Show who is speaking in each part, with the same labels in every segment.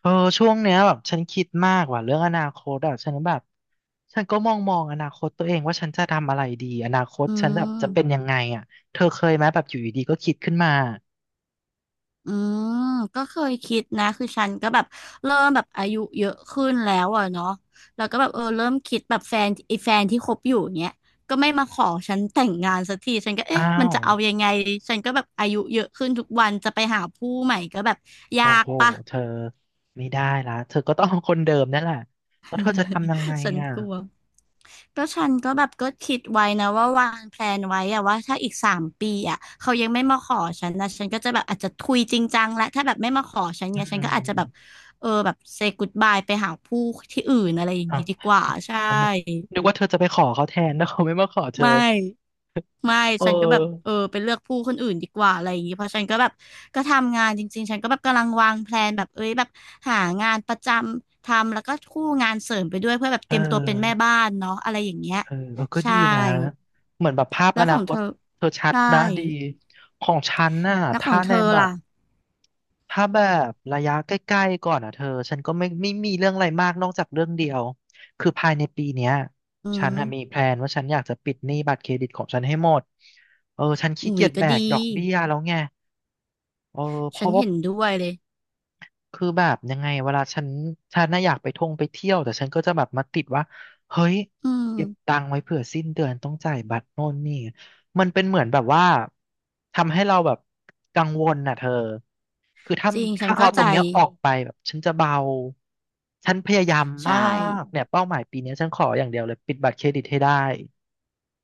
Speaker 1: เออช่วงเนี้ยแบบฉันคิดมากว่ะเรื่องอนาคตอ่ะฉันแบบฉันก็มองอนาคตตัวเองว่าฉันจะทำอะไรดีอนาคต
Speaker 2: อื
Speaker 1: ฉันแบบจะเป็น
Speaker 2: ม
Speaker 1: ยังไงอ่ะเธอเคยไหมแบบอยู่ดีๆก็คิดขึ้นมา
Speaker 2: อืมก็เคยคิดนะคือฉันก็แบบเริ่มแบบอายุเยอะขึ้นแล้วอ่ะเนาะแล้วก็แบบเออเริ่มคิดแบบแฟนไอ้แฟนที่คบอยู่เนี้ยก็ไม่มาขอฉันแต่งงานสักทีฉันก็
Speaker 1: อ้า
Speaker 2: เอ๊ะมัน
Speaker 1: ว
Speaker 2: จะเอายังไงฉันก็แบบอายุเยอะขึ้นทุกวันจะไปหาผู้ใหม่ก็แบบยา
Speaker 1: โอ้
Speaker 2: ก
Speaker 1: โห
Speaker 2: ปะ
Speaker 1: เธอไม่ได้ละเธอก็ต้องเอาคนเดิมนั่นแหละแล้วเธอจะทำยังไง
Speaker 2: ฉัน
Speaker 1: อ่ะ
Speaker 2: กลัว ก็ฉันก็แบบก็คิดไว้นะว่าวางแพลนไว้อะว่าถ้าอีกสามปีอะเขายังไม่มาขอฉันนะฉันก็จะแบบอาจจะทุยจริงจังและถ้าแบบไม่มาขอฉัน
Speaker 1: อื
Speaker 2: เนี่ยฉันก็อาจจะแบบ
Speaker 1: ม
Speaker 2: เออแบบเซ y ก o ดบายไปหาผู้ที่อื่นอะไรอย่าง
Speaker 1: อ้าว
Speaker 2: นี้ดีกว่าใช่
Speaker 1: แล้วนึกว่าเธอจะไปขอเขาแทนแล้วเขาไม่มาขอเธอ
Speaker 2: ไม่ไม่
Speaker 1: เออ
Speaker 2: ฉันก็แบบเออไปเลือกผู้คนอื่นดีกว่าอะไรอย่างนี้เพราะฉันก็แบบก็ทำงานจริงๆฉันก็แบบกำลังวางแพลนแบบเอ้ยแบบหางานประจำทำแล้วก็คู่งานเสริมไปด้วยเพื่อแบบ
Speaker 1: เอ
Speaker 2: เต
Speaker 1: อ
Speaker 2: รียมตัวเป็นแม่บ้านเนาะอะไรอย่างเงี้ย
Speaker 1: เออเออก็
Speaker 2: ใช่
Speaker 1: ดีนะ เหมือนแบบภาพ
Speaker 2: แล้
Speaker 1: อ
Speaker 2: วข
Speaker 1: นา
Speaker 2: อง
Speaker 1: ค
Speaker 2: เธ
Speaker 1: ต
Speaker 2: อ
Speaker 1: เธอชัด
Speaker 2: ใช่
Speaker 1: นะดี ของฉันน่ะ
Speaker 2: แล้วขอ
Speaker 1: ถ้า
Speaker 2: งเธ
Speaker 1: ใน
Speaker 2: อ
Speaker 1: แบ
Speaker 2: ล่ะ
Speaker 1: บถ้าแบบระยะใกล้ๆก่อนอ่ะเธอ ฉันก็ไม่มีเรื่องอะไรมากนอกจากเรื่องเดียว คือภายในปีเนี้ย
Speaker 2: อื
Speaker 1: ฉัน
Speaker 2: ม
Speaker 1: น่ะมีแพลนว่าฉันอยากจะปิดหนี้บัตรเครดิตของฉันให้หมดเออฉันขี้
Speaker 2: อุ๋
Speaker 1: เกี
Speaker 2: ย
Speaker 1: ยจ
Speaker 2: ก็
Speaker 1: แบก
Speaker 2: ดี
Speaker 1: ดอกเบี้ยแล้วไงเออเพ
Speaker 2: ฉัน
Speaker 1: ราะว่า
Speaker 2: เห็นด้วยเลย
Speaker 1: คือแบบยังไงเวลาฉันฉันน่ะอยากไปท่องไปเที่ยวแต่ฉันก็จะแบบมาติดว่าเฮ้ย
Speaker 2: อืม
Speaker 1: เก็บตังค์ไว้เผื่อสิ้นเดือนต้องจ่ายบัตรโน่นนี่มันเป็นเหมือนแบบว่าทำให้เราแบบกังวลน่ะเธอคือถ้า
Speaker 2: จริงฉัน
Speaker 1: ถ้าเอา
Speaker 2: เข้า
Speaker 1: ตร
Speaker 2: ใจ
Speaker 1: งเนี้ยออกไปแบบฉันจะเบาฉันพยายาม
Speaker 2: ใช่
Speaker 1: มากเนี่ยเป้าหมายปีเนี้ยฉันขออย่างเดียวเลยปิดบัตรเครดิตให้ได้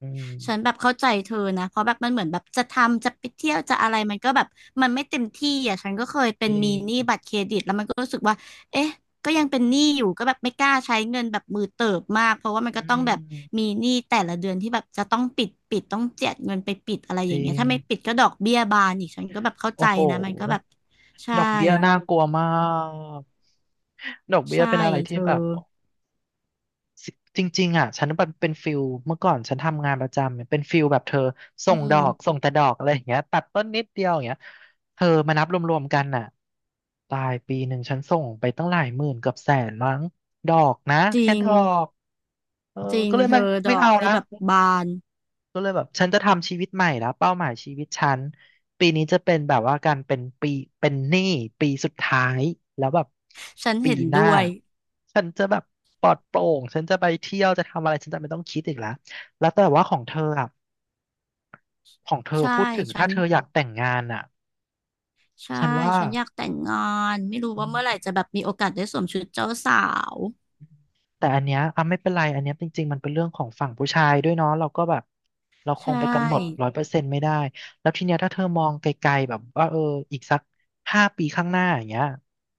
Speaker 1: อืม
Speaker 2: ฉันแบบเข้าใจเธอนะ เพราะแบบมันเหมือนแบบจะทำจะไปเที่ยวจะอะไรมันก็แบบมันไม่เต็มที่อ่ะ ฉันก็เคยเป็
Speaker 1: จ
Speaker 2: น
Speaker 1: ริ
Speaker 2: มี
Speaker 1: ง
Speaker 2: หนี้บัตรเครดิตแล้วมันก็รู้สึกว่าเอ๊ะก็ยังเป็นหนี้อยู่ก็แบบไม่กล้าใช้เงินแบบมือเติบมากเพราะว่ามัน
Speaker 1: อื
Speaker 2: ก็ต้องแบบมี
Speaker 1: ม
Speaker 2: หนี้แต่ละเดือนที่แบบจะต้องปิดปิดต้องเจียดเงินไปปิดอะไรอ
Speaker 1: จ
Speaker 2: ย่าง
Speaker 1: ริ
Speaker 2: เงี้ย
Speaker 1: ง
Speaker 2: ถ้าไม่ปิดก็ดอกเบี้ยบานอีกฉันก็แบบเข้าใจ
Speaker 1: โอ้โห
Speaker 2: นะมันก็แบบใช่
Speaker 1: ดอกเบี้ยน่ากลัวมากดอกเบี้ย
Speaker 2: ใช่
Speaker 1: เป็นอะไร
Speaker 2: เธ
Speaker 1: ที่
Speaker 2: อ
Speaker 1: แบบจริงๆอ่ะฉันเป็นฟิลเมื่อก่อนฉันทำงานประจำเนี่ยเป็นฟิลแบบเธอส่
Speaker 2: อื
Speaker 1: งดอก
Speaker 2: ม
Speaker 1: ส่งแต่ดอกอะไรอย่างเงี้ยตัดต้นนิดเดียวอย่างเงี้ยเธอมานับรวมๆกันน่ะตายปีหนึ่งฉันส่งไปตั้งหลายหมื่นเกือบ100,000มั้งดอกนะ
Speaker 2: จ
Speaker 1: แค่
Speaker 2: ริ
Speaker 1: ด
Speaker 2: ง
Speaker 1: อกเออ
Speaker 2: จริง
Speaker 1: ก็เลย
Speaker 2: เธ
Speaker 1: ไม่
Speaker 2: อด
Speaker 1: ไม่
Speaker 2: อ
Speaker 1: เอา
Speaker 2: กนี่
Speaker 1: ละ
Speaker 2: แบบบาน
Speaker 1: ก็เลยแบบฉันจะทำชีวิตใหม่แล้วเป้าหมายชีวิตฉันปีนี้จะเป็นแบบว่าการเป็นปีเป็นหนี้ปีสุดท้ายแล้วแบบ
Speaker 2: ฉัน
Speaker 1: ปี
Speaker 2: เห็น
Speaker 1: ห
Speaker 2: ด้
Speaker 1: น้า
Speaker 2: วย
Speaker 1: ฉันจะแบบปลอดโปร่งฉันจะไปเที่ยวจะทำอะไรฉันจะไม่ต้องคิดอีกแล้วแล้วแต่ว่าของเธออ่ะของเธอ
Speaker 2: ใช่
Speaker 1: พูดถึง
Speaker 2: ฉั
Speaker 1: ถ้า
Speaker 2: น
Speaker 1: เธออยากแต่งงานอ่ะ
Speaker 2: ใช่
Speaker 1: ฉันว่า
Speaker 2: ฉันอยากแต่งงานไม่รู้ว่าเมื่อไหร่จะแบบมีโอกาสได้สวมชุดเจ้าสาว
Speaker 1: แต่อันเนี้ยอ่ะไม่เป็นไรอันเนี้ยจริงๆมันเป็นเรื่องของฝั่งผู้ชายด้วยเนาะเราก็แบบเราค
Speaker 2: ใช
Speaker 1: งไปกำหนด
Speaker 2: ่
Speaker 1: 100%ไม่ได้แล้วทีเนี้ยถ้าเธอมองไกลๆแบบว่าเอออีกสักห้าปีข้างหน้าอย่างเงี้ย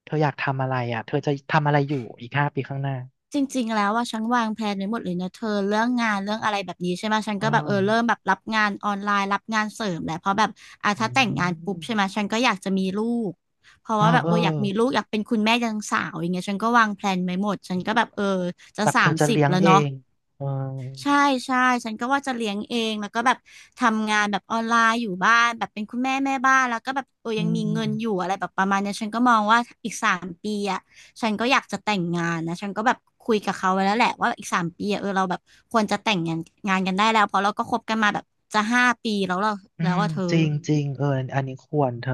Speaker 1: เธออยากทำอะไรอ่ะเธอจะทำอะไรอยู่อีกห้าปีข้างหน้า
Speaker 2: จริงๆแล้วว่าฉันวางแผนไว้หมดเลยนะเธอเรื่องงานเรื่องอะไรแบบนี้ใช่ไหมฉัน
Speaker 1: เอ
Speaker 2: ก็แบบเออเริ่ม
Speaker 1: อ
Speaker 2: แบบรับงานออนไลน์รับงานเสริมแหละเพราะแบบอ่ะ
Speaker 1: อื
Speaker 2: ถ้าแต่งงานปุ๊บ
Speaker 1: ม
Speaker 2: ใช่ไหมฉันก็อยากจะมีลูกเพราะ
Speaker 1: เออ
Speaker 2: ว่าแบบ
Speaker 1: เออ
Speaker 2: เอออยากมีลูกอยากเป็นคุณแม่ยังสาวอย่างเงี้ยฉันก็วางแผนไว้หมดฉันก็แบบเออจะ
Speaker 1: แบบ
Speaker 2: สา
Speaker 1: เธอ
Speaker 2: ม
Speaker 1: จะ
Speaker 2: สิบ
Speaker 1: เลี้ยง
Speaker 2: แล้ว
Speaker 1: เอ
Speaker 2: เนาะ
Speaker 1: งเออ
Speaker 2: ใช่ใช่ฉันก็ว่าจะเลี้ยงเองแล้วก็แบบทำงานแบบออนไลน์อยู่บ้านแบบเป็นคุณแม่แม่บ้านแล้วก็แบบเออ
Speaker 1: อื
Speaker 2: ยังมีเงินอยู่
Speaker 1: ม
Speaker 2: อะไรแบบประมาณเนี้ยฉันก็มองว่าอีกสามปีอ่ะฉันก็อยากจะแต่งงานนะฉันก็แบบคุยกับเขาไว้แล้วแหละว่าอีกสามปีอะเออเราแบบควรจะแต่งงานกันได้แล้วเพราะเราก็คบกันมาแบบจะห้าปีแล้วเรา
Speaker 1: อื
Speaker 2: แล้ว
Speaker 1: ม
Speaker 2: ว่าเธอ
Speaker 1: จริงจริงเอออันนี้ควรเธอ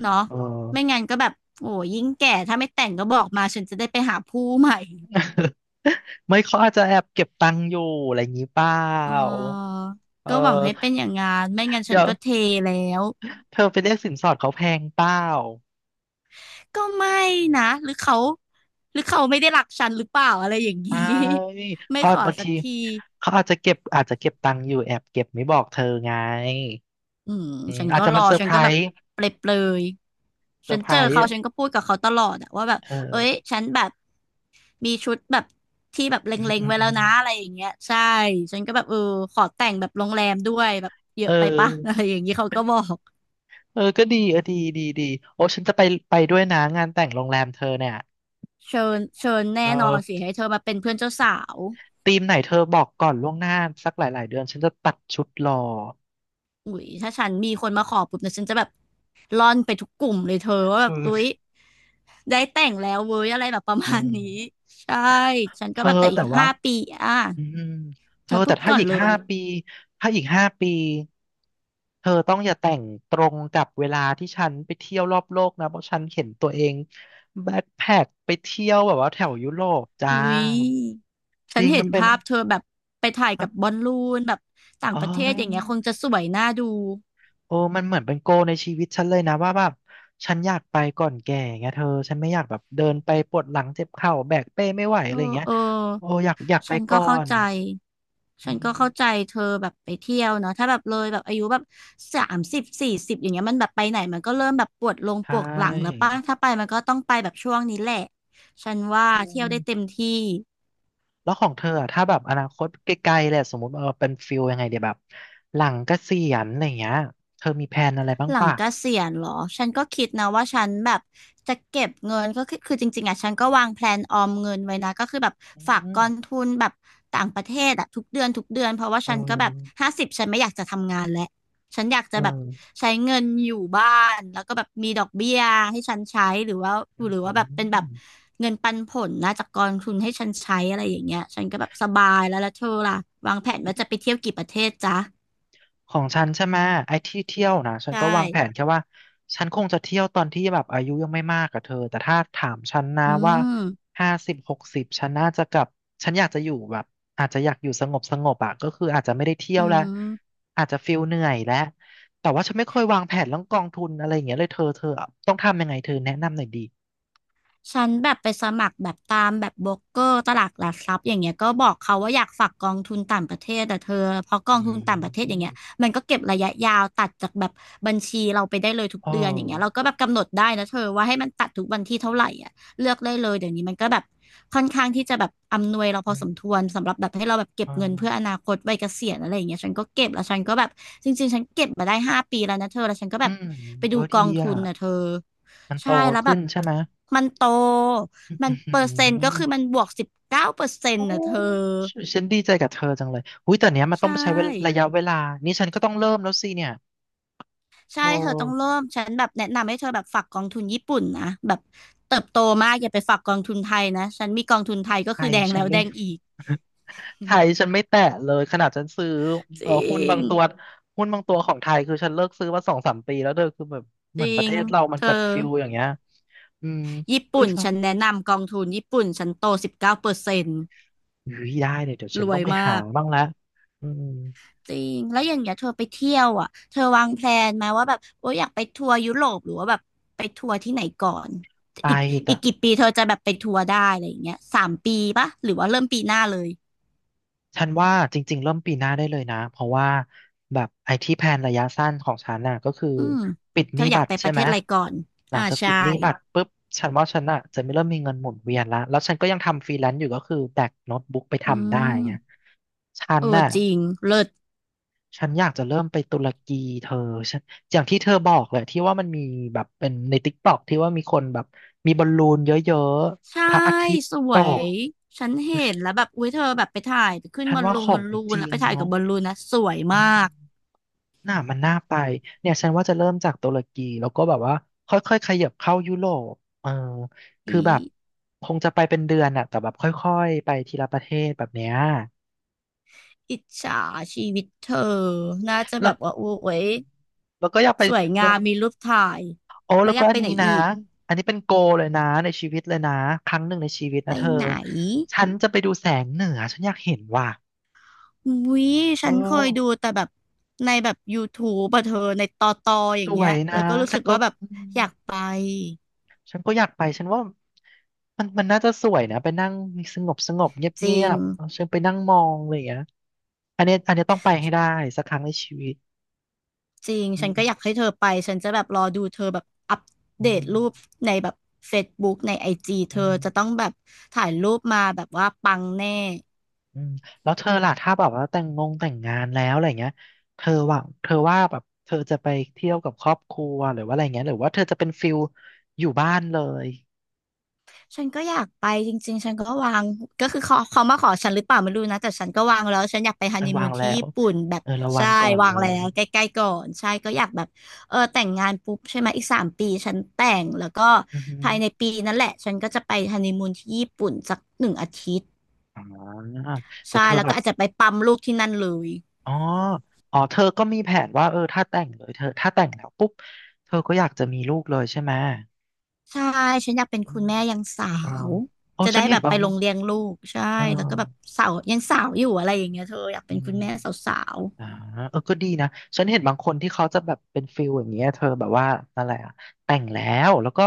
Speaker 2: เนาะ
Speaker 1: เออ
Speaker 2: ไม่งั้นก็แบบโอ้ยิ่งแก่ถ้าไม่แต่งก็บอกมาฉันจะได้ไปหาผู้ใหม่
Speaker 1: ไม่เขาอาจจะแอบเก็บตังค์อยู่อะไรอย่างนี้เปล่า
Speaker 2: เออ
Speaker 1: เอ
Speaker 2: ก็หวังให้เป็น
Speaker 1: อ
Speaker 2: อย่างงานไม่งั้นฉั
Speaker 1: เดี๋
Speaker 2: น
Speaker 1: ยว
Speaker 2: ก็เทแล้ว
Speaker 1: เธอไปเรียกสินสอดเขาแพงเปล่า
Speaker 2: ก็ไม่นะหรือเขาหรือเขาไม่ได้รักฉันหรือเปล่าอะไรอย่างนี้
Speaker 1: ไม่
Speaker 2: ไม่
Speaker 1: เขา
Speaker 2: ขอ
Speaker 1: บาง
Speaker 2: สัก
Speaker 1: ที
Speaker 2: ที
Speaker 1: เขาอาจจะเก็บตังค์อยู่แอบเก็บไม่บอกเธอไง
Speaker 2: อืม
Speaker 1: อืม
Speaker 2: ฉัน
Speaker 1: อาจ
Speaker 2: ก็
Speaker 1: จะ
Speaker 2: ร
Speaker 1: มา
Speaker 2: อ
Speaker 1: เซอร์
Speaker 2: ฉั
Speaker 1: ไพ
Speaker 2: น
Speaker 1: ร
Speaker 2: ก็แบบ
Speaker 1: ส์
Speaker 2: เปรยเปรย
Speaker 1: เซอ
Speaker 2: ฉั
Speaker 1: ร์
Speaker 2: น
Speaker 1: ไพร
Speaker 2: เจอ
Speaker 1: ส์
Speaker 2: เขาฉันก็พูดกับเขาตลอดอะว่าแบบ
Speaker 1: เออ
Speaker 2: เอ้ยฉันแบบมีชุดแบบที่แบบเล
Speaker 1: อืม
Speaker 2: ็ง
Speaker 1: อื
Speaker 2: ๆ
Speaker 1: ม
Speaker 2: ไว้
Speaker 1: อื
Speaker 2: แล้ว
Speaker 1: ม
Speaker 2: นะอะไรอย่างเงี้ยใช่ฉันก็แบบเออขอแต่งแบบโรงแรมด้วยแบบเย
Speaker 1: เ
Speaker 2: อะไปปะ อะ
Speaker 1: ออ
Speaker 2: ไรอย่างนี้เขาก็บอก
Speaker 1: เออก็ดีเออดีดีดีโอ้ฉันจะไปไปด้วยนะงานแต่งโรงแรมเธอเนี่ย
Speaker 2: เชิญเชิญแน่
Speaker 1: เอ
Speaker 2: นอนสิ
Speaker 1: อ
Speaker 2: ให้เธอมาเป็นเพื่อนเจ้าสาว
Speaker 1: ธีมไหนเธอบอกก่อนล่วงหน้าสักหลายๆเดือนฉันจะตัดชุดรอ
Speaker 2: อุ๊ยถ้าฉันมีคนมาขอปุ๊บเนี่ยฉันจะแบบร่อนไปทุกกลุ่มเลยเธอว่าแบ
Speaker 1: เอ
Speaker 2: บอุ๊
Speaker 1: อ
Speaker 2: ยได้แต่งแล้วเว้ยอะไรแบบประ
Speaker 1: อื
Speaker 2: มาณนี้
Speaker 1: ม
Speaker 2: ใช่ฉัน
Speaker 1: เธ
Speaker 2: ก็
Speaker 1: อ
Speaker 2: แบบแต่อี
Speaker 1: แต่
Speaker 2: ก
Speaker 1: ว่า
Speaker 2: ห้าปีอ่ะ
Speaker 1: อืมเธ
Speaker 2: เธ
Speaker 1: อ
Speaker 2: อพู
Speaker 1: แต่
Speaker 2: ด
Speaker 1: ถ้า
Speaker 2: ก่อน
Speaker 1: อีก
Speaker 2: เล
Speaker 1: ห้า
Speaker 2: ย
Speaker 1: ปีถ้าอีกห้าปีเธอต้องอย่าแต่งตรงกับเวลาที่ฉันไปเที่ยวรอบโลกนะเพราะฉันเห็นตัวเองแบ็คแพ็คไปเที่ยวแบบว่าแถวยุโรปจ้า
Speaker 2: อุ๊ย
Speaker 1: จ
Speaker 2: ฉัน
Speaker 1: ริง
Speaker 2: เห็
Speaker 1: มั
Speaker 2: น
Speaker 1: นเป็น
Speaker 2: ภาพเธอแบบไปถ่าย
Speaker 1: มั
Speaker 2: กั
Speaker 1: น
Speaker 2: บบอลลูนแบบต่าง
Speaker 1: โอ้
Speaker 2: ประเทศ
Speaker 1: ย
Speaker 2: อย่างเงี้ยคงจะสวยน่าดู
Speaker 1: โอ้มันเหมือนเป็นโกลในชีวิตฉันเลยนะว่าแบบฉันอยากไปก่อนแก่ไงเธอฉันไม่อยากแบบเดินไปปวดหลังเจ็บเข่าแบกเป้ไม่ไหว
Speaker 2: เอ
Speaker 1: อะไรอย่าง
Speaker 2: อ
Speaker 1: เงี้ย
Speaker 2: เออ
Speaker 1: โอ้อยากไป
Speaker 2: ฉันก็
Speaker 1: ก่อ
Speaker 2: เข้า
Speaker 1: น
Speaker 2: ใจ
Speaker 1: อื
Speaker 2: ฉันก็เข้าใจ
Speaker 1: ม
Speaker 2: เธอแบบไปเที่ยวเนาะถ้าแบบเลยแบบอายุแบบ30 40อย่างเงี้ยมันแบบไปไหนมันก็เริ่มแบบปวดลง
Speaker 1: ใช่
Speaker 2: ปวดหลังแล้วป่ะถ้าไปมันก็ต้องไปแบบช่วงนี้แหละ ฉันว่า
Speaker 1: อื
Speaker 2: เที่ยวได้เต็ม
Speaker 1: ม
Speaker 2: ที่
Speaker 1: แล้วของเธออะถ้าแบบอนาคตไกลๆเลยอะสมมติเออเป็นฟิลยังไงเดี๋ยวแบบหลังเกษียณอะไรอย่างเงี้ยเธอมีแผนอะไรบ้าง
Speaker 2: หลัง
Speaker 1: ป่ะ
Speaker 2: เกษียณเหรอ ฉันก็คิดนะว่าฉันแบบจะเก็บเงินก็คือจริงๆอ่ะฉันก็วางแพลนออมเงินไว้นะก็คือแบบ
Speaker 1: อื
Speaker 2: ฝากก
Speaker 1: ม
Speaker 2: องทุนแบบต่างประเทศอ่ะทุกเดือนทุกเดือนเพราะว่า
Speaker 1: เอ
Speaker 2: ฉันก็แบบ
Speaker 1: อ
Speaker 2: 50ฉันไม่อยากจะทำงานแล้วฉันอยากจะ
Speaker 1: เอ
Speaker 2: แบบ
Speaker 1: อ
Speaker 2: ใช้เงินอยู่บ้านแล้วก็แบบมีดอกเบี้ยให้ฉันใช้หรือว่า
Speaker 1: อ
Speaker 2: หรือว่า
Speaker 1: ื
Speaker 2: แบบเป็นแบบ
Speaker 1: ม
Speaker 2: เงินปันผลนะจากกองทุนให้ฉันใช้อะไรอย่างเงี้ยฉันก็แบบสบายแล้วแล้วเธอล่ะวางแผนว่าจะไปเที่ยวกี่ประเทศจ๊ะ
Speaker 1: ของฉันใช่ไหมไอ้ที่เที่ยวนะฉัน
Speaker 2: ใช่
Speaker 1: ก็วางแผนแค่ว่าฉันคงจะเที่ยวตอนที่แบบอายุยังไม่มากกับเธอแต่ถ้าถามฉันนะ
Speaker 2: อื
Speaker 1: ว่า
Speaker 2: ม
Speaker 1: 5060ฉันน่าจะกลับฉันอยากจะอยู่แบบอาจจะอยากอยู่สงบสงบอ่ะก็คืออาจจะไม่ได้เที่ย
Speaker 2: อื
Speaker 1: วแล้ว
Speaker 2: ม
Speaker 1: อาจจะฟิลเหนื่อยแล้วแต่ว่าฉันไม่เคยวางแผนเรื่องกองทุนอะไรอย่างเงี้ยเลยเธอเธอต้องทำยังไงเธอแนะนำหน่อยดี
Speaker 2: ฉันแบบไปสมัครแบบตามแบบโบรกเกอร์ตลาดหลักทรัพย์อย่างเงี้ยก็บอกเขาว่าอยากฝากกองทุนต่างประเทศแต่เธอเพราะกอ
Speaker 1: อื
Speaker 2: งทุนต่างประเทศอย่างเงี้ย
Speaker 1: ม
Speaker 2: มันก็เก็บระยะยาวตัดจากแบบบัญชีเราไปได้เลยทุก
Speaker 1: เออ
Speaker 2: เดือนอย่างเงี้ยเราก็แบบกำหนดได้นะเธอว่าให้มันตัดทุกวันที่เท่าไหร่อ่ะเลือกได้เลยเดี๋ยวนี้มันก็แบบค่อนข้างที่จะแบบอำนวยเราพ
Speaker 1: อื
Speaker 2: อสมค
Speaker 1: ม
Speaker 2: วรสำหรับแบบให้เราแบบเก็
Speaker 1: เอ
Speaker 2: บเงินเพื่ออ
Speaker 1: อ
Speaker 2: นาคตวัยเกษียณอะไรอย่างเงี้ยฉันก็เก็บแล้วฉันก็แบบจริงๆฉันเก็บมาได้5 ปีแล้วนะเธอแล้วฉันก็
Speaker 1: อื
Speaker 2: แบบ
Speaker 1: ม
Speaker 2: ไป
Speaker 1: โอ้
Speaker 2: ดูก
Speaker 1: ดี
Speaker 2: องทุ
Speaker 1: อ่ะ
Speaker 2: นนะเธอ
Speaker 1: มันโต
Speaker 2: ใช่แล้วแบ
Speaker 1: ขึ้น
Speaker 2: บ
Speaker 1: ใช่ไหม
Speaker 2: มันโต
Speaker 1: อื
Speaker 2: มันเปอร์เซ็นต์ก็คือมัน
Speaker 1: ม
Speaker 2: บวกสิบเก้าเปอร์เซ็น
Speaker 1: โอ้
Speaker 2: ต์นะเธอ
Speaker 1: ยฉันดีใจกับเธอจังเลยหุ้ยแต่เนี้ยมัน
Speaker 2: ใช
Speaker 1: ต้องใช้เวลาระ
Speaker 2: ่
Speaker 1: ยะเวลานี่ฉันก็ต้องเริ่มแล้วสิเนี่ยโอ
Speaker 2: ใช่เธอต้องเริ่
Speaker 1: ้
Speaker 2: มฉันแบบแนะนำให้เธอแบบฝากกองทุนญี่ปุ่นนะแบบเติบโตมากอย่าไปฝากกองทุนไทยนะฉันมีกองทุนไทยก็
Speaker 1: ไท
Speaker 2: คือ
Speaker 1: ย
Speaker 2: แดง
Speaker 1: ฉั
Speaker 2: แล้
Speaker 1: น
Speaker 2: วแด
Speaker 1: ไม่
Speaker 2: งอีก
Speaker 1: ไทยฉันไม่แตะเลยขนาดฉันซื้อ
Speaker 2: จริ
Speaker 1: หุ้นบา
Speaker 2: ง
Speaker 1: งตัวหุ้นบางตัวของไทยคือฉันเลิกซื้อมาสองสามปีแล้วเธอคือแบบเห
Speaker 2: จ
Speaker 1: มือ
Speaker 2: ริ
Speaker 1: นประเท
Speaker 2: ง
Speaker 1: ศเรามั
Speaker 2: เธ
Speaker 1: น
Speaker 2: อ
Speaker 1: แบบฟิลอย่างเงี้ยอืม
Speaker 2: ญี่
Speaker 1: คือ
Speaker 2: ปุ่น
Speaker 1: ทง
Speaker 2: ฉันแนะนำกองทุนญี่ปุ่นฉันโตสิบเก้าเปอร์เซ็นต์
Speaker 1: อุ้ยได้เลยเดี๋ยวฉั
Speaker 2: ร
Speaker 1: น
Speaker 2: ว
Speaker 1: ต้อ
Speaker 2: ย
Speaker 1: งไปหา
Speaker 2: มาก
Speaker 1: บ้างละอืม
Speaker 2: จริง แล้วอย่างเงี้ยเธอไปเที่ยวอ่ะเธอวางแพลนไหมว่าแบบโอ้ยอยากไปทัวร์ยุโรปหรือว่าแบบไปทัวร์ที่ไหนก่อน
Speaker 1: ไป
Speaker 2: อีก
Speaker 1: แต่
Speaker 2: อีกกี่ปีเธอจะแบบไปทัวร์ได้อะไรอย่างเงี้ยสามปีปะหรือว่าเริ่มปีหน้าเลย
Speaker 1: ฉันว่าจริงๆเริ่มปีหน้าได้เลยนะเพราะว่าแบบไอที่แพลนระยะสั้นของฉันน่ะก็คือ
Speaker 2: อืม
Speaker 1: ปิดห
Speaker 2: เธอ
Speaker 1: นี้
Speaker 2: อยา
Speaker 1: บั
Speaker 2: ก
Speaker 1: ต
Speaker 2: ไป
Speaker 1: ร
Speaker 2: ป
Speaker 1: ใช่
Speaker 2: ระเท
Speaker 1: ไหม
Speaker 2: ศอะไรก่อน
Speaker 1: หลั
Speaker 2: อ่า
Speaker 1: งจาก
Speaker 2: ใช่
Speaker 1: ปิดหนี้บัตรปุ๊บฉันว่าฉันน่ะจะไม่เริ่มมีเงินหมุนเวียนละแล้วฉันก็ยังทำฟรีแลนซ์อยู่ก็คือแบกโน้ตบุ๊กไป
Speaker 2: อื
Speaker 1: ทำได้ไง
Speaker 2: ม
Speaker 1: ฉัน
Speaker 2: เออ
Speaker 1: น่ะ
Speaker 2: จริงเลิศ
Speaker 1: ฉันอยากจะเริ่มไปตุรกีเธอฉันอย่างที่เธอบอกเลยที่ว่ามันมีแบบเป็นในติ๊กต็อกที่ว่ามีคนแบบมีบอลลูนเยอะ
Speaker 2: ใช่
Speaker 1: ๆพระอาทิตย์
Speaker 2: ส
Speaker 1: ต
Speaker 2: ว
Speaker 1: ก
Speaker 2: ย ฉันเห็นแล้วแบบอุ้ยเธอแบบไปถ่ายขึ้น
Speaker 1: ฉั
Speaker 2: บ
Speaker 1: น
Speaker 2: อล
Speaker 1: ว่า
Speaker 2: ลู
Speaker 1: ข
Speaker 2: นบ
Speaker 1: อ
Speaker 2: อ
Speaker 1: ง
Speaker 2: ลลู
Speaker 1: จ
Speaker 2: น
Speaker 1: ริ
Speaker 2: แล้ว
Speaker 1: ง
Speaker 2: ไปถ่ายกับ
Speaker 1: เนาะ
Speaker 2: บอลลูนนะสวย
Speaker 1: อื
Speaker 2: มา
Speaker 1: ม
Speaker 2: ก
Speaker 1: น่ามันน่าไปเนี่ยฉันว่าจะเริ่มจากตุรกีแล้วก็แบบว่าค่อยๆขยับเข้ายุโรปเออคือ
Speaker 2: อี
Speaker 1: แบบคงจะไปเป็นเดือนอะแต่แบบค่อยๆไปทีละประเทศแบบเนี้ย
Speaker 2: อิจฉาชีวิตเธอน่าจะแบ
Speaker 1: แล้ว
Speaker 2: บว่าโอ้ย
Speaker 1: แล้วก็อยากไป
Speaker 2: สวย
Speaker 1: แล้
Speaker 2: งา
Speaker 1: ว
Speaker 2: มมีรูปถ่าย
Speaker 1: โอ้
Speaker 2: แล้
Speaker 1: แล้
Speaker 2: ว
Speaker 1: ว
Speaker 2: อ
Speaker 1: ก็
Speaker 2: ยาก
Speaker 1: อั
Speaker 2: ไป
Speaker 1: น
Speaker 2: ไห
Speaker 1: นี้
Speaker 2: น
Speaker 1: นะ
Speaker 2: อีก
Speaker 1: อันนี้เป็นโกเลยนะในชีวิตเลยนะครั้งหนึ่งในชีวิต
Speaker 2: ไป
Speaker 1: นะเธอ
Speaker 2: ไหน
Speaker 1: ฉันจะไปดูแสงเหนือฉันอยากเห็นว่ะ
Speaker 2: วิ๊ย
Speaker 1: เออ
Speaker 2: ฉันเคยดูแต่แบบในแบบ YouTube อะเธอในตอตออ
Speaker 1: ส
Speaker 2: ย่าง
Speaker 1: ว
Speaker 2: เงี้ย
Speaker 1: ยนะ
Speaker 2: แล้วก็รู้
Speaker 1: ฉั
Speaker 2: สึ
Speaker 1: น
Speaker 2: ก
Speaker 1: ก็
Speaker 2: ว่าแบบ
Speaker 1: อืม
Speaker 2: อยากไป
Speaker 1: ฉันก็อยากไป ฉันว่ามันน่าจะสวยนะไปนั่งสงบสงบเงียบ
Speaker 2: จ
Speaker 1: เงี
Speaker 2: ริ
Speaker 1: ย
Speaker 2: ง
Speaker 1: บๆฉันไปนั่งมองอะไรอย่างเงี้ยอันเนี้ยต้องไปให้ได้สักครั้งในชีวิต
Speaker 2: จริง
Speaker 1: อื
Speaker 2: ฉัน
Speaker 1: ม
Speaker 2: ก็อยากให้เธอไปฉันจะแบบรอดูเธอแบบอัป
Speaker 1: อื
Speaker 2: เดตรูป
Speaker 1: ม
Speaker 2: ในแบบ Facebook ในไอจี
Speaker 1: อื
Speaker 2: เธอจะต้
Speaker 1: ม
Speaker 2: องแบบถ่ายรูปมาแบบว่าปังแน่
Speaker 1: อืมแล้วเธอล่ะถ้าแบบว่าแต่งงานแล้วอะไรเงี้ยเธอว่าแบบเธอจะไปเที่ยวกับครอบครัวหรือว่าอะไรเงี้ยหรือว่าเธอจะเป็นฟิลอยู่บ้านเลย
Speaker 2: ฉันก็อยากไปจริงๆ ฉันก็วางก็คือเขามาขอฉันหรือเปล่าไม่รู้นะแต่ฉันก็วางแล้วฉันอยากไปฮัน
Speaker 1: ระ
Speaker 2: นี
Speaker 1: วั
Speaker 2: มู
Speaker 1: ง
Speaker 2: น
Speaker 1: แล้
Speaker 2: ที่
Speaker 1: ว
Speaker 2: ญี่ปุ่นแบบ
Speaker 1: เออระวั
Speaker 2: ใช่
Speaker 1: งก่อน
Speaker 2: วา
Speaker 1: เล
Speaker 2: งแล้
Speaker 1: ย
Speaker 2: วใกล้ๆก่อนใช่ก็อยากแบบเออแต่งงานปุ๊บใช่ไหมอีกสามปีฉันแต่งแล้วก็
Speaker 1: อือฮึ
Speaker 2: ภายในปีนั่นแหละฉันก็จะไปฮันนีมูนที่ญี่ปุ่นสัก1 อาทิตย์
Speaker 1: อ๋อแต่
Speaker 2: ใช่
Speaker 1: เธอ
Speaker 2: แล้ว
Speaker 1: แบ
Speaker 2: ก็
Speaker 1: บ
Speaker 2: อาจจะไปปั๊มลูกที่นั่นเลย
Speaker 1: อ๋อเธอก็มีแผนว่าเออถ้าแต่งเลยเธอถ้าแต่งแล้วปุ๊บเธอก็อยากจะมีลูกเลยใช่ไหม
Speaker 2: ใช่ฉันอยากเป็น
Speaker 1: อื
Speaker 2: คุณ
Speaker 1: ม
Speaker 2: แม่ยังสา
Speaker 1: เออ
Speaker 2: ว
Speaker 1: โอ้
Speaker 2: จะ
Speaker 1: ฉั
Speaker 2: ได้
Speaker 1: นเห็
Speaker 2: แบ
Speaker 1: น
Speaker 2: บ
Speaker 1: บา
Speaker 2: ไป
Speaker 1: ง
Speaker 2: ลงเลี้ยงลูกใช่
Speaker 1: เออ
Speaker 2: แล้วก็แบบสาวยังสาวอยู่อะไรอย่างเงี้ยเธออยาก
Speaker 1: อื
Speaker 2: เป็น
Speaker 1: ม
Speaker 2: คุณแม่สาว
Speaker 1: อ่าเออก็ดีนะฉันเห็นบางคนที่เขาจะแบบเป็นฟิลอย่างเงี้ยเธอแบบว่าอะไรอะแต่งแล้วก็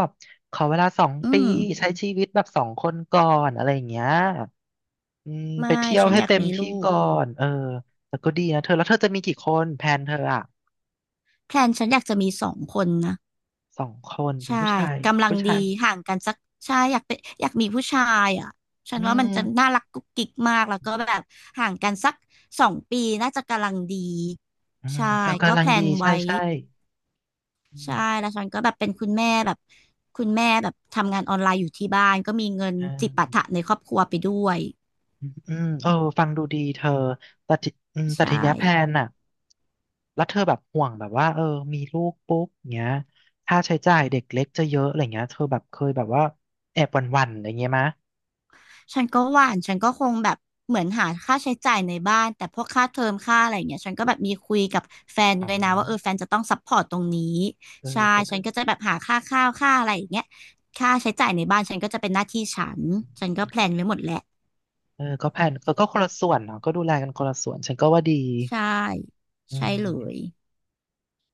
Speaker 1: ขอเวลาสอง
Speaker 2: ๆอื
Speaker 1: ปี
Speaker 2: ม
Speaker 1: ใช้ชีวิตแบบสองคนก่อนอะไรอย่างเงี้ยอืมไป
Speaker 2: ไม่
Speaker 1: เที่ยว
Speaker 2: ฉัน
Speaker 1: ให้
Speaker 2: อยาก
Speaker 1: เต็ม
Speaker 2: มี
Speaker 1: ที่
Speaker 2: ลูก
Speaker 1: ก่อนเออแต่ก็ดีนะเธอแล้วเธอจะมีกี่คนแพลนเธออะ
Speaker 2: แพลนฉันอยากจะมี2 คนนะ
Speaker 1: สองคนเป็น
Speaker 2: ใช่
Speaker 1: ผู้ชาย
Speaker 2: กำลัง
Speaker 1: ผู้
Speaker 2: ดี
Speaker 1: ชาย
Speaker 2: ห่างกันสักใช่อยากเป็นอยากมีผู้ชายอ่ะฉั
Speaker 1: อื
Speaker 2: นว่ามัน
Speaker 1: ม
Speaker 2: จะน่ารักกุ๊กกิ๊กมากแล้วก็แบบห่างกันสัก2 ปีน่าจะกำลังดี
Speaker 1: อืม
Speaker 2: ใช่
Speaker 1: เออ
Speaker 2: ก็
Speaker 1: กำลั
Speaker 2: แพ
Speaker 1: ง
Speaker 2: ล
Speaker 1: ดี
Speaker 2: น
Speaker 1: ใช่
Speaker 2: ไว้
Speaker 1: ใช่อื
Speaker 2: ใช่
Speaker 1: ม
Speaker 2: แล้วฉันก็แบบเป็นคุณแม่แบบคุณแม่แบบทำงานออนไลน์อยู่ที่บ้านก็มีเงิน
Speaker 1: อ่า
Speaker 2: จิปาถะในครอบครัวไปด้วย
Speaker 1: อืมเออฟังดูดีเธอแต่ทีอืมแต่
Speaker 2: ใช่
Speaker 1: ทีเนี้ยแพลนน่ะแล้วเธอแบบห่วงแบบว่าเออมีลูกปุ๊บเงี้ยค่าใช้จ่ายเด็กเล็กจะเยอะอะไรเงี้ยเธอแบบเคยแบบว่าแอบหวั่นๆอะไรเงี้ยมะ
Speaker 2: ฉันก็หว่านฉันก็คงแบบเหมือนหาค่าใช้จ่ายในบ้าน แต่พวกค่าเทอมค่าอะไรอย่างเงี้ยฉันก็แบบมีคุยกับแฟน
Speaker 1: อ๋อ
Speaker 2: ด้วยนะว่าเออแฟนจะต้องซัพพอร์ตตรงนี้
Speaker 1: เออ
Speaker 2: ใช่
Speaker 1: ก็
Speaker 2: ฉั
Speaker 1: ได้
Speaker 2: นก็จะแบบหาค่าข้าวค่าอะไรอย่างเงี้ยค่าใช้จ่ายในบ้านฉันก็จะเป็นหน้าที่ฉัน ฉันก็แพลนไว้หมดแหละ
Speaker 1: เออก็แพลนเออก็คนละส่วนเนาะก็ดูแลกันคนละส่วน ฉันก็ว่าดี
Speaker 2: ใช่
Speaker 1: อื
Speaker 2: ใช่เลย
Speaker 1: ม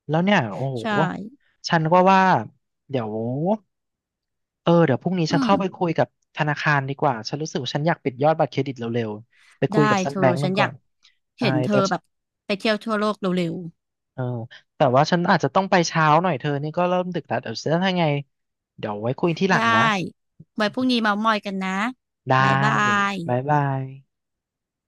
Speaker 1: แล้วเนี่ยโอ้
Speaker 2: ใ
Speaker 1: โห
Speaker 2: ช่
Speaker 1: ฉันก็ว่าเดี๋ยว เออเดี๋ยวพรุ่งนี้ฉั
Speaker 2: อื
Speaker 1: น
Speaker 2: ม
Speaker 1: เข้าไปคุยกับธนาคารดีกว่าฉันรู้สึกว่าฉันอยากปิดยอดบัตรเครดิตเร็วๆไปคุ
Speaker 2: ได้
Speaker 1: ยกับซัก
Speaker 2: เธอ
Speaker 1: แบงก์ห
Speaker 2: ฉั
Speaker 1: นึ่
Speaker 2: น
Speaker 1: ง
Speaker 2: อ
Speaker 1: ก่อ
Speaker 2: ยาก
Speaker 1: นใช่
Speaker 2: เห็นเธอ
Speaker 1: แต่
Speaker 2: แบบไปเที่ยวทั่วโลกเร็ว
Speaker 1: เออแต่ว่าฉันอาจจะต้องไปเช้าหน่อยเธอนี่ก็เริ่มดึกแล้วเดี๋ยวเจะทำไงเดี๋ยวไว้คุยที่ห
Speaker 2: ๆ
Speaker 1: ลัง
Speaker 2: ได้
Speaker 1: นะ
Speaker 2: ไว้พรุ่งนี้เมามอยกันนะ
Speaker 1: ได้
Speaker 2: บ๊ายบาย
Speaker 1: บ๊ายบาย